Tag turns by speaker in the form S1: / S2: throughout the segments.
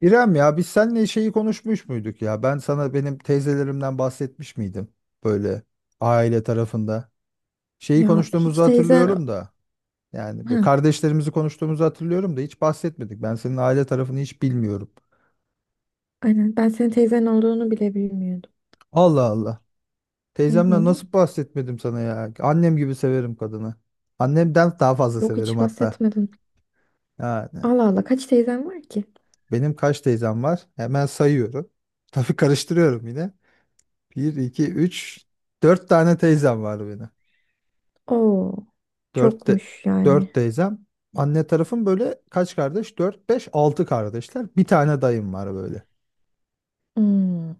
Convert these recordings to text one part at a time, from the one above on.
S1: İrem ya biz seninle şeyi konuşmuş muyduk ya? Ben sana benim teyzelerimden bahsetmiş miydim? Böyle aile tarafında. Şeyi
S2: Ya hiç
S1: konuştuğumuzu
S2: teyzen...
S1: hatırlıyorum da. Yani böyle
S2: Heh,
S1: kardeşlerimizi konuştuğumuzu hatırlıyorum da hiç bahsetmedik. Ben senin aile tarafını hiç bilmiyorum.
S2: aynen ben senin teyzen olduğunu bile bilmiyordum.
S1: Allah Allah.
S2: Hı
S1: Teyzemden
S2: hı.
S1: nasıl bahsetmedim sana ya? Annem gibi severim kadını. Annemden daha fazla
S2: Yok
S1: severim
S2: hiç
S1: hatta.
S2: bahsetmedin.
S1: Yani
S2: Allah Allah kaç teyzen var ki?
S1: benim kaç teyzem var? Hemen sayıyorum. Tabii karıştırıyorum yine. Bir 2 3 4 tane teyzem var benim.
S2: Oo,
S1: Dört, de,
S2: çokmuş yani.
S1: dört teyzem. Anne tarafım böyle kaç kardeş? Dört, beş, altı kardeşler. Bir tane dayım var böyle.
S2: Hmm.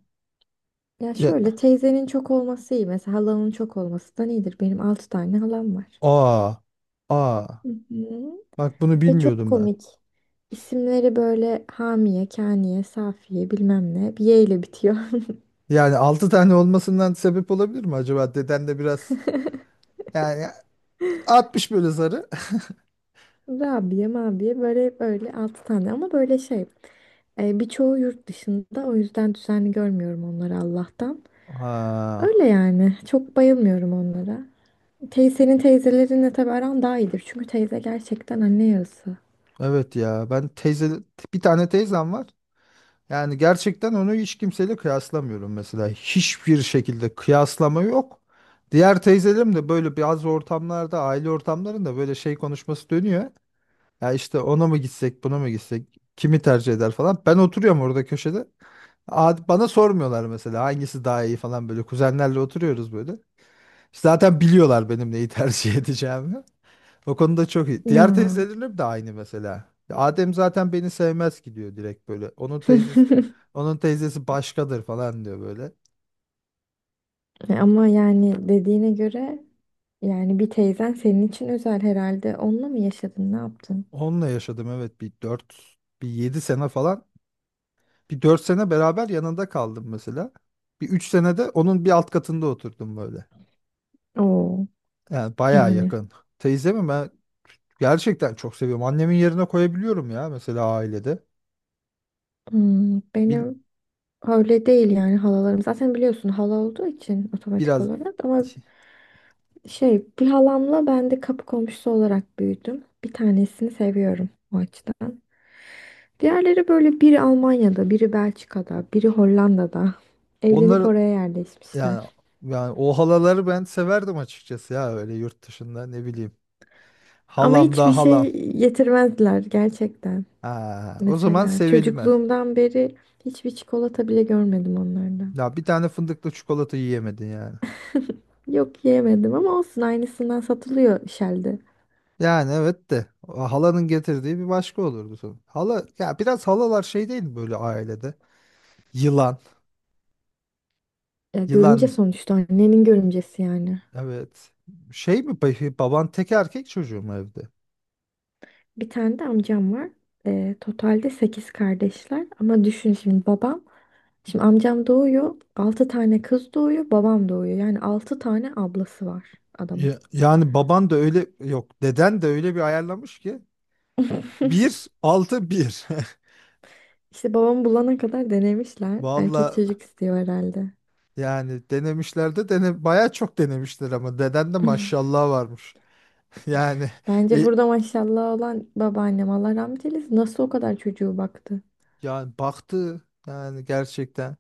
S2: Ya
S1: Ya,
S2: şöyle teyzenin çok olması iyi. Mesela halanın çok olması da iyidir. Benim 6 tane halam var.
S1: aa, aa.
S2: Hı hı.
S1: Bak bunu
S2: Ve çok
S1: bilmiyordum ben.
S2: komik. İsimleri böyle Hamiye, Kaniye, Safiye bilmem ne. Bir Y ile bitiyor.
S1: Yani altı tane olmasından sebep olabilir mi acaba? Deden de biraz yani atmış böyle zarı.
S2: Rabia mabiye böyle böyle 6 tane ama böyle şey birçoğu yurt dışında o yüzden düzenli görmüyorum onları Allah'tan.
S1: Ha,
S2: Öyle yani çok bayılmıyorum onlara. Teyzenin teyzelerinle tabii aran daha iyidir çünkü teyze gerçekten anne yarısı.
S1: evet ya ben teyze bir tane teyzem var. Yani gerçekten onu hiç kimseyle kıyaslamıyorum mesela. Hiçbir şekilde kıyaslama yok. Diğer teyzelerim de böyle bazı ortamlarda, aile ortamlarında böyle şey konuşması dönüyor. Ya işte ona mı gitsek, buna mı gitsek, kimi tercih eder falan. Ben oturuyorum orada köşede. Bana sormuyorlar mesela hangisi daha iyi falan böyle. Kuzenlerle oturuyoruz böyle. Zaten biliyorlar benim neyi tercih edeceğimi. O konuda çok iyi.
S2: Ya.
S1: Diğer teyzelerim de aynı mesela. Ya Adem zaten beni sevmez ki diyor direkt böyle. Onun teyzesi onun teyzesi başkadır falan diyor böyle.
S2: Ama yani dediğine göre yani bir teyzen senin için özel herhalde. Onunla mı yaşadın, ne yaptın?
S1: Onunla yaşadım, evet, bir 4, bir 7 sene falan. Bir 4 sene beraber yanında kaldım mesela. Bir 3 sene de onun bir alt katında oturdum böyle.
S2: Oo,
S1: Yani bayağı
S2: yani.
S1: yakın. Teyzemi ben gerçekten çok seviyorum. Annemin yerine koyabiliyorum ya mesela ailede.
S2: Hmm,
S1: Bil-
S2: benim. Öyle değil yani halalarım. Zaten biliyorsun hala olduğu için otomatik
S1: biraz
S2: olarak ama şey bir halamla ben de kapı komşusu olarak büyüdüm. Bir tanesini seviyorum o açıdan. Diğerleri böyle biri Almanya'da, biri Belçika'da, biri Hollanda'da. Evlenip
S1: onları.
S2: oraya
S1: Yani
S2: yerleşmişler.
S1: o halaları ben severdim açıkçası ya, öyle yurt dışında ne bileyim.
S2: Ama
S1: Halam
S2: hiçbir
S1: da halam.
S2: şey getirmezler gerçekten.
S1: Ha, o zaman
S2: Mesela
S1: sevilmez.
S2: çocukluğumdan beri hiçbir çikolata bile görmedim onlardan.
S1: Ya bir tane fındıklı çikolata yiyemedin yani.
S2: Yok yiyemedim ama olsun aynısından satılıyor Shell'de.
S1: Yani evet de o halanın getirdiği bir başka olurdu sanırım. Hala ya biraz halalar şey değil mi böyle ailede? Yılan.
S2: Ya görümce
S1: Yılan
S2: sonuçta annenin görümcesi yani.
S1: evet. Şey mi peki, baban tek erkek çocuğu mu evde?
S2: Bir tane de amcam var. Totalde 8 kardeşler. Ama düşün şimdi babam. Şimdi amcam doğuyor. Altı tane kız doğuyor. Babam doğuyor. Yani 6 tane ablası var adamın.
S1: Ya- yani baban da öyle, yok deden de öyle bir ayarlamış ki. Bir altı bir.
S2: İşte babamı bulana kadar denemişler. Erkek
S1: Vallahi,
S2: çocuk istiyor herhalde.
S1: yani denemişler de dene bayağı çok denemişler ama deden de maşallah varmış. Yani
S2: Bence
S1: e,
S2: burada maşallah olan babaannem Allah rahmet eylesin. Nasıl o kadar çocuğu baktı?
S1: yani baktı, yani gerçekten.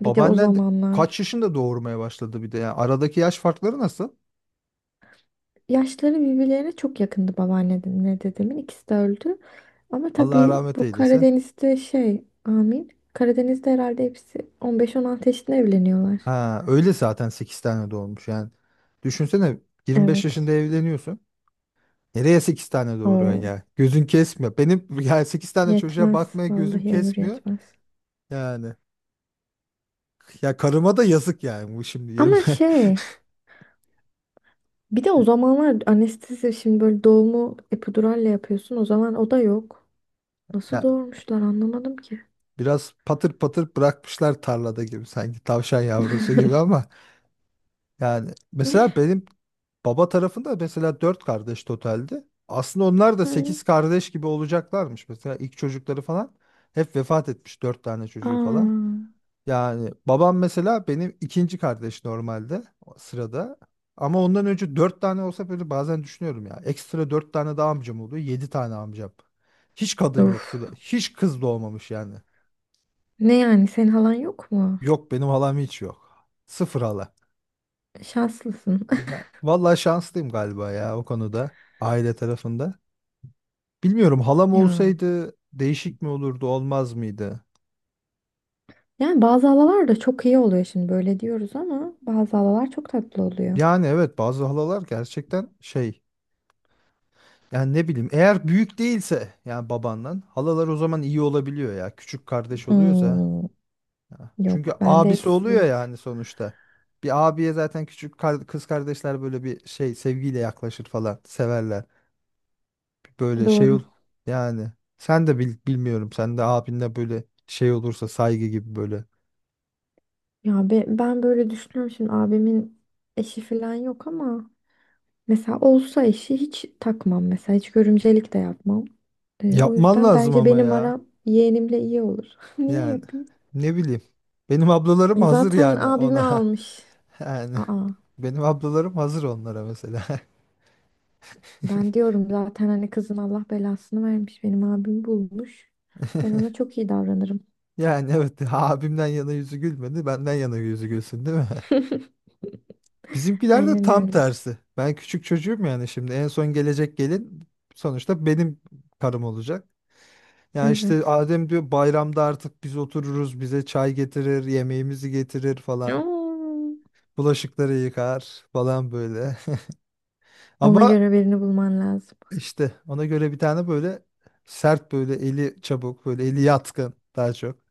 S2: Bir de o
S1: Babaannen de kaç
S2: zamanlar.
S1: yaşında doğurmaya başladı, bir de yani aradaki yaş farkları nasıl?
S2: Yaşları birbirlerine çok yakındı babaannemle dedemin. İkisi de öldü. Ama
S1: Allah
S2: tabii
S1: rahmet
S2: bu
S1: eylesin.
S2: Karadeniz'de şey, amin. Karadeniz'de herhalde hepsi 15-16 yaşında evleniyorlar.
S1: Ha, öyle zaten 8 tane doğurmuş yani. Düşünsene, 25 yaşında
S2: Evet.
S1: evleniyorsun. Nereye 8 tane doğuruyorsun
S2: Oo,
S1: ya? Gözün kesmiyor. Benim yani 8 tane çocuğa
S2: yetmez.
S1: bakmaya gözüm
S2: Vallahi ömür
S1: kesmiyor.
S2: yetmez.
S1: Yani ya karıma da yazık yani bu şimdi
S2: Ama
S1: 20.
S2: şey, bir de o zamanlar anestezi şimdi böyle doğumu epiduralle yapıyorsun. O zaman o da yok. Nasıl doğurmuşlar anlamadım ki.
S1: Biraz patır patır bırakmışlar tarlada, gibi sanki tavşan yavrusu gibi, ama yani mesela benim baba tarafında mesela dört kardeş totaldi. Aslında onlar da
S2: Hı.
S1: sekiz kardeş gibi olacaklarmış. Mesela ilk çocukları falan hep vefat etmiş, dört tane çocuğu
S2: Aa,
S1: falan. Yani babam mesela benim ikinci kardeş normalde o sırada. Ama ondan önce dört tane olsa böyle, bazen düşünüyorum ya. Ekstra dört tane daha amcam oluyor. Yedi tane amcam. Hiç kadın
S2: of.
S1: yok. Hiç kız doğmamış yani.
S2: Ne yani senin halan yok mu?
S1: Yok, benim halam hiç yok. Sıfır hala.
S2: Şanslısın.
S1: Ya, vallahi şanslıyım galiba ya o konuda. Aile tarafında. Bilmiyorum, halam
S2: Ya.
S1: olsaydı değişik mi olurdu, olmaz mıydı?
S2: Yani bazı halalar da çok iyi oluyor şimdi böyle diyoruz ama bazı halalar çok tatlı oluyor.
S1: Yani evet, bazı halalar gerçekten şey. Yani ne bileyim, eğer büyük değilse, yani babandan halalar, o zaman iyi olabiliyor ya. Küçük kardeş oluyorsa.
S2: Hmm,
S1: Ya. Çünkü
S2: yok bende
S1: abisi
S2: hepsi
S1: oluyor
S2: büyük.
S1: yani sonuçta. Bir abiye zaten küçük kız kardeşler böyle bir şey sevgiyle yaklaşır falan, severler. Böyle şey ol,
S2: Doğru.
S1: yani sen de bilmiyorum, sen de abinle böyle şey olursa saygı gibi böyle
S2: Ya ben böyle düşünüyorum şimdi abimin eşi falan yok ama mesela olsa eşi hiç takmam mesela hiç görümcelik de yapmam. O
S1: yapman
S2: yüzden
S1: lazım.
S2: bence
S1: Ama
S2: benim
S1: ya
S2: aram yeğenimle iyi olur. Niye
S1: yani
S2: yapayım?
S1: ne bileyim, benim ablalarım hazır
S2: Zaten
S1: yani
S2: abimi
S1: ona.
S2: almış.
S1: Yani
S2: Aa.
S1: benim ablalarım hazır onlara mesela.
S2: Ben diyorum zaten hani kızın Allah belasını vermiş. Benim abim bulmuş. Ben ona çok iyi davranırım.
S1: Yani evet, abimden yana yüzü gülmedi, benden yana yüzü gülsün değil mi? Bizimkiler de
S2: Aynen
S1: tam
S2: öyle.
S1: tersi, ben küçük çocuğum, yani şimdi en son gelecek gelin sonuçta benim karım olacak. Ya işte
S2: Evet.
S1: Adem diyor, bayramda artık biz otururuz, bize çay getirir, yemeğimizi getirir falan.
S2: Oo.
S1: Bulaşıkları yıkar falan böyle.
S2: Ona
S1: Ama
S2: göre birini bulman lazım.
S1: işte ona göre bir tane böyle sert, böyle eli çabuk, böyle eli yatkın daha çok.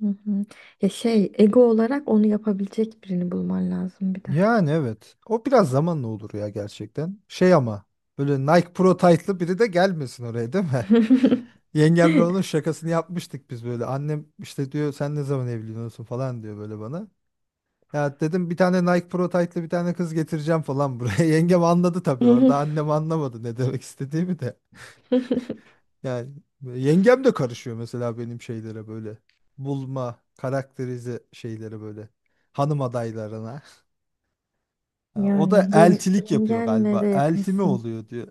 S2: Hı hı. Ya şey, ego olarak onu yapabilecek birini bulman lazım bir de.
S1: Yani evet, o biraz zamanla olur ya gerçekten. Şey ama, böyle Nike Pro Tight'lı biri de gelmesin oraya değil mi? Yengemle onun şakasını yapmıştık biz böyle. Annem işte diyor, sen ne zaman evleniyorsun falan diyor böyle bana. Ya dedim, bir tane Nike Pro Tight'lı bir tane kız getireceğim falan buraya. Yengem anladı tabii orada. Annem anlamadı ne demek istediğimi de. Yani yengem de karışıyor mesela benim şeylere böyle. Bulma, karakterize şeylere böyle. Hanım adaylarına. Ha, o da
S2: Yani
S1: eltilik yapıyor
S2: yengenle de
S1: galiba. Elti mi
S2: yakınsın.
S1: oluyor diyor.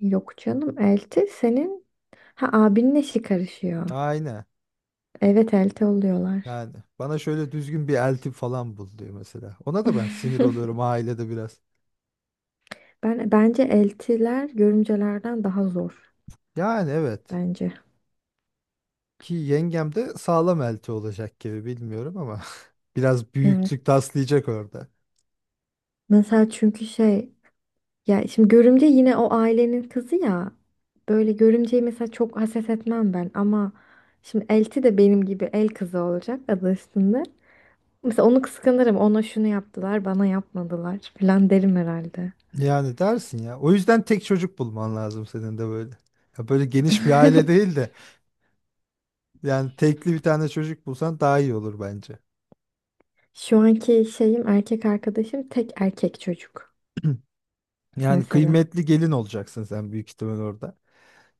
S2: Yok canım, elti senin. Ha, abinin eşi karışıyor.
S1: Aynen.
S2: Evet, elti oluyorlar.
S1: Yani bana şöyle düzgün bir elti falan bul diyor mesela. Ona da ben sinir oluyorum ailede biraz.
S2: Ben bence eltiler görümcelerden daha zor
S1: Yani evet.
S2: bence.
S1: Ki yengem de sağlam elti olacak gibi, bilmiyorum ama biraz büyüklük
S2: Evet.
S1: taslayacak orada.
S2: Mesela çünkü şey ya şimdi görümce yine o ailenin kızı ya. Böyle görümceyi mesela çok haset etmem ben ama şimdi elti de benim gibi el kızı olacak adı üstünde. Mesela onu kıskanırım. Ona şunu yaptılar, bana yapmadılar falan derim herhalde.
S1: Yani dersin ya. O yüzden tek çocuk bulman lazım senin de böyle. Ya böyle geniş bir aile değil de, yani tekli bir tane çocuk bulsan daha iyi olur bence.
S2: Şu anki şeyim erkek arkadaşım tek erkek çocuk
S1: Yani
S2: mesela.
S1: kıymetli gelin olacaksın sen büyük ihtimal orada.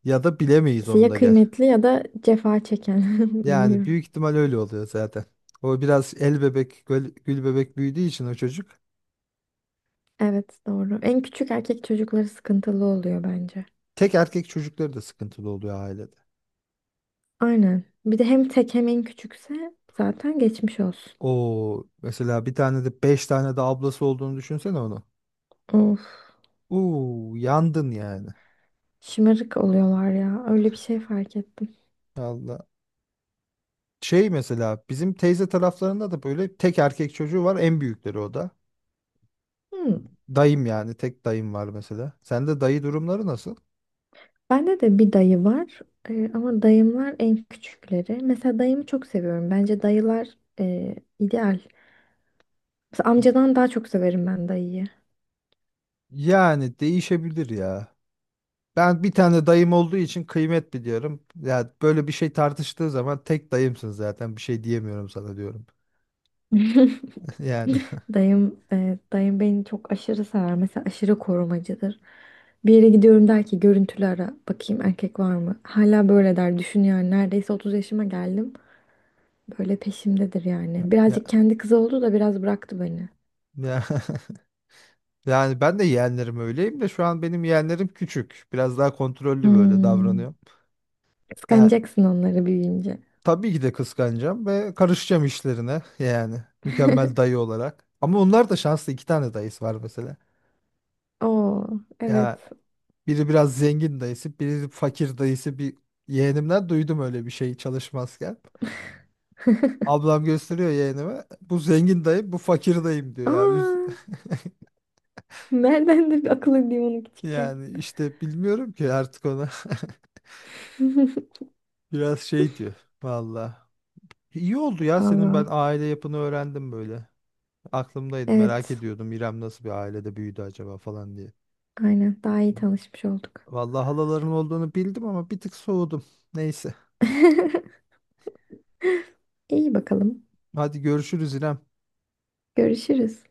S1: Ya da bilemeyiz
S2: İşte
S1: onu
S2: ya
S1: da, gel.
S2: kıymetli ya da cefa çeken.
S1: Yani
S2: Bilmiyorum.
S1: büyük ihtimal öyle oluyor zaten. O biraz el bebek, gül, gül bebek büyüdüğü için o çocuk.
S2: Evet, doğru. En küçük erkek çocukları sıkıntılı oluyor bence.
S1: Tek erkek çocukları da sıkıntılı oluyor ailede.
S2: Aynen. Bir de hem tek hem en küçükse zaten geçmiş olsun.
S1: O mesela bir tane de beş tane de ablası olduğunu düşünsene onu.
S2: Of.
S1: Uuu, yandın yani.
S2: Şımarık oluyorlar ya. Öyle bir şey fark ettim.
S1: Allah. Şey mesela bizim teyze taraflarında da böyle tek erkek çocuğu var, en büyükleri o da.
S2: Hmm.
S1: Dayım yani tek dayım var mesela. Sende dayı durumları nasıl?
S2: Bende de bir dayı var. Ama dayımlar en küçükleri. Mesela dayımı çok seviyorum. Bence dayılar ideal. Mesela amcadan daha çok severim ben dayıyı.
S1: Yani değişebilir ya. Ben bir tane dayım olduğu için kıymet biliyorum. Ya böyle bir şey tartıştığı zaman, tek dayımsın zaten bir şey diyemiyorum sana, diyorum. Yani
S2: Dayım beni çok aşırı sever. Mesela aşırı korumacıdır. Bir yere gidiyorum der ki görüntülü ara bakayım erkek var mı? Hala böyle der. Düşün yani neredeyse 30 yaşıma geldim. Böyle peşimdedir yani.
S1: ya,
S2: Birazcık kendi kızı oldu da biraz bıraktı beni.
S1: ya. Yani ben de yeğenlerim öyleyim de, şu an benim yeğenlerim küçük. Biraz daha kontrollü böyle
S2: Hmm.
S1: davranıyor. Yani
S2: Kıskanacaksın onları büyüyünce.
S1: tabii ki de kıskanacağım ve karışacağım işlerine, yani mükemmel dayı olarak. Ama onlar da şanslı, iki tane dayısı var mesela.
S2: Oo,
S1: Ya
S2: evet.
S1: biri biraz zengin dayısı, biri fakir dayısı, bir yeğenimden duydum öyle bir şey çalışmazken. Ablam gösteriyor yeğenime. Bu zengin dayım, bu fakir dayım diyor ya.
S2: Aa, nereden de bir akıl edeyim onu küçükken.
S1: Yani işte bilmiyorum ki artık ona biraz şey diyor. Vallahi. İyi oldu ya, senin ben
S2: Allah.
S1: aile yapını öğrendim böyle. Aklımdaydı, merak
S2: Evet.
S1: ediyordum İrem nasıl bir ailede büyüdü acaba falan diye.
S2: Aynen. Daha iyi tanışmış olduk.
S1: Vallahi halaların olduğunu bildim ama bir tık soğudum. Neyse.
S2: İyi bakalım.
S1: Hadi görüşürüz İrem.
S2: Görüşürüz.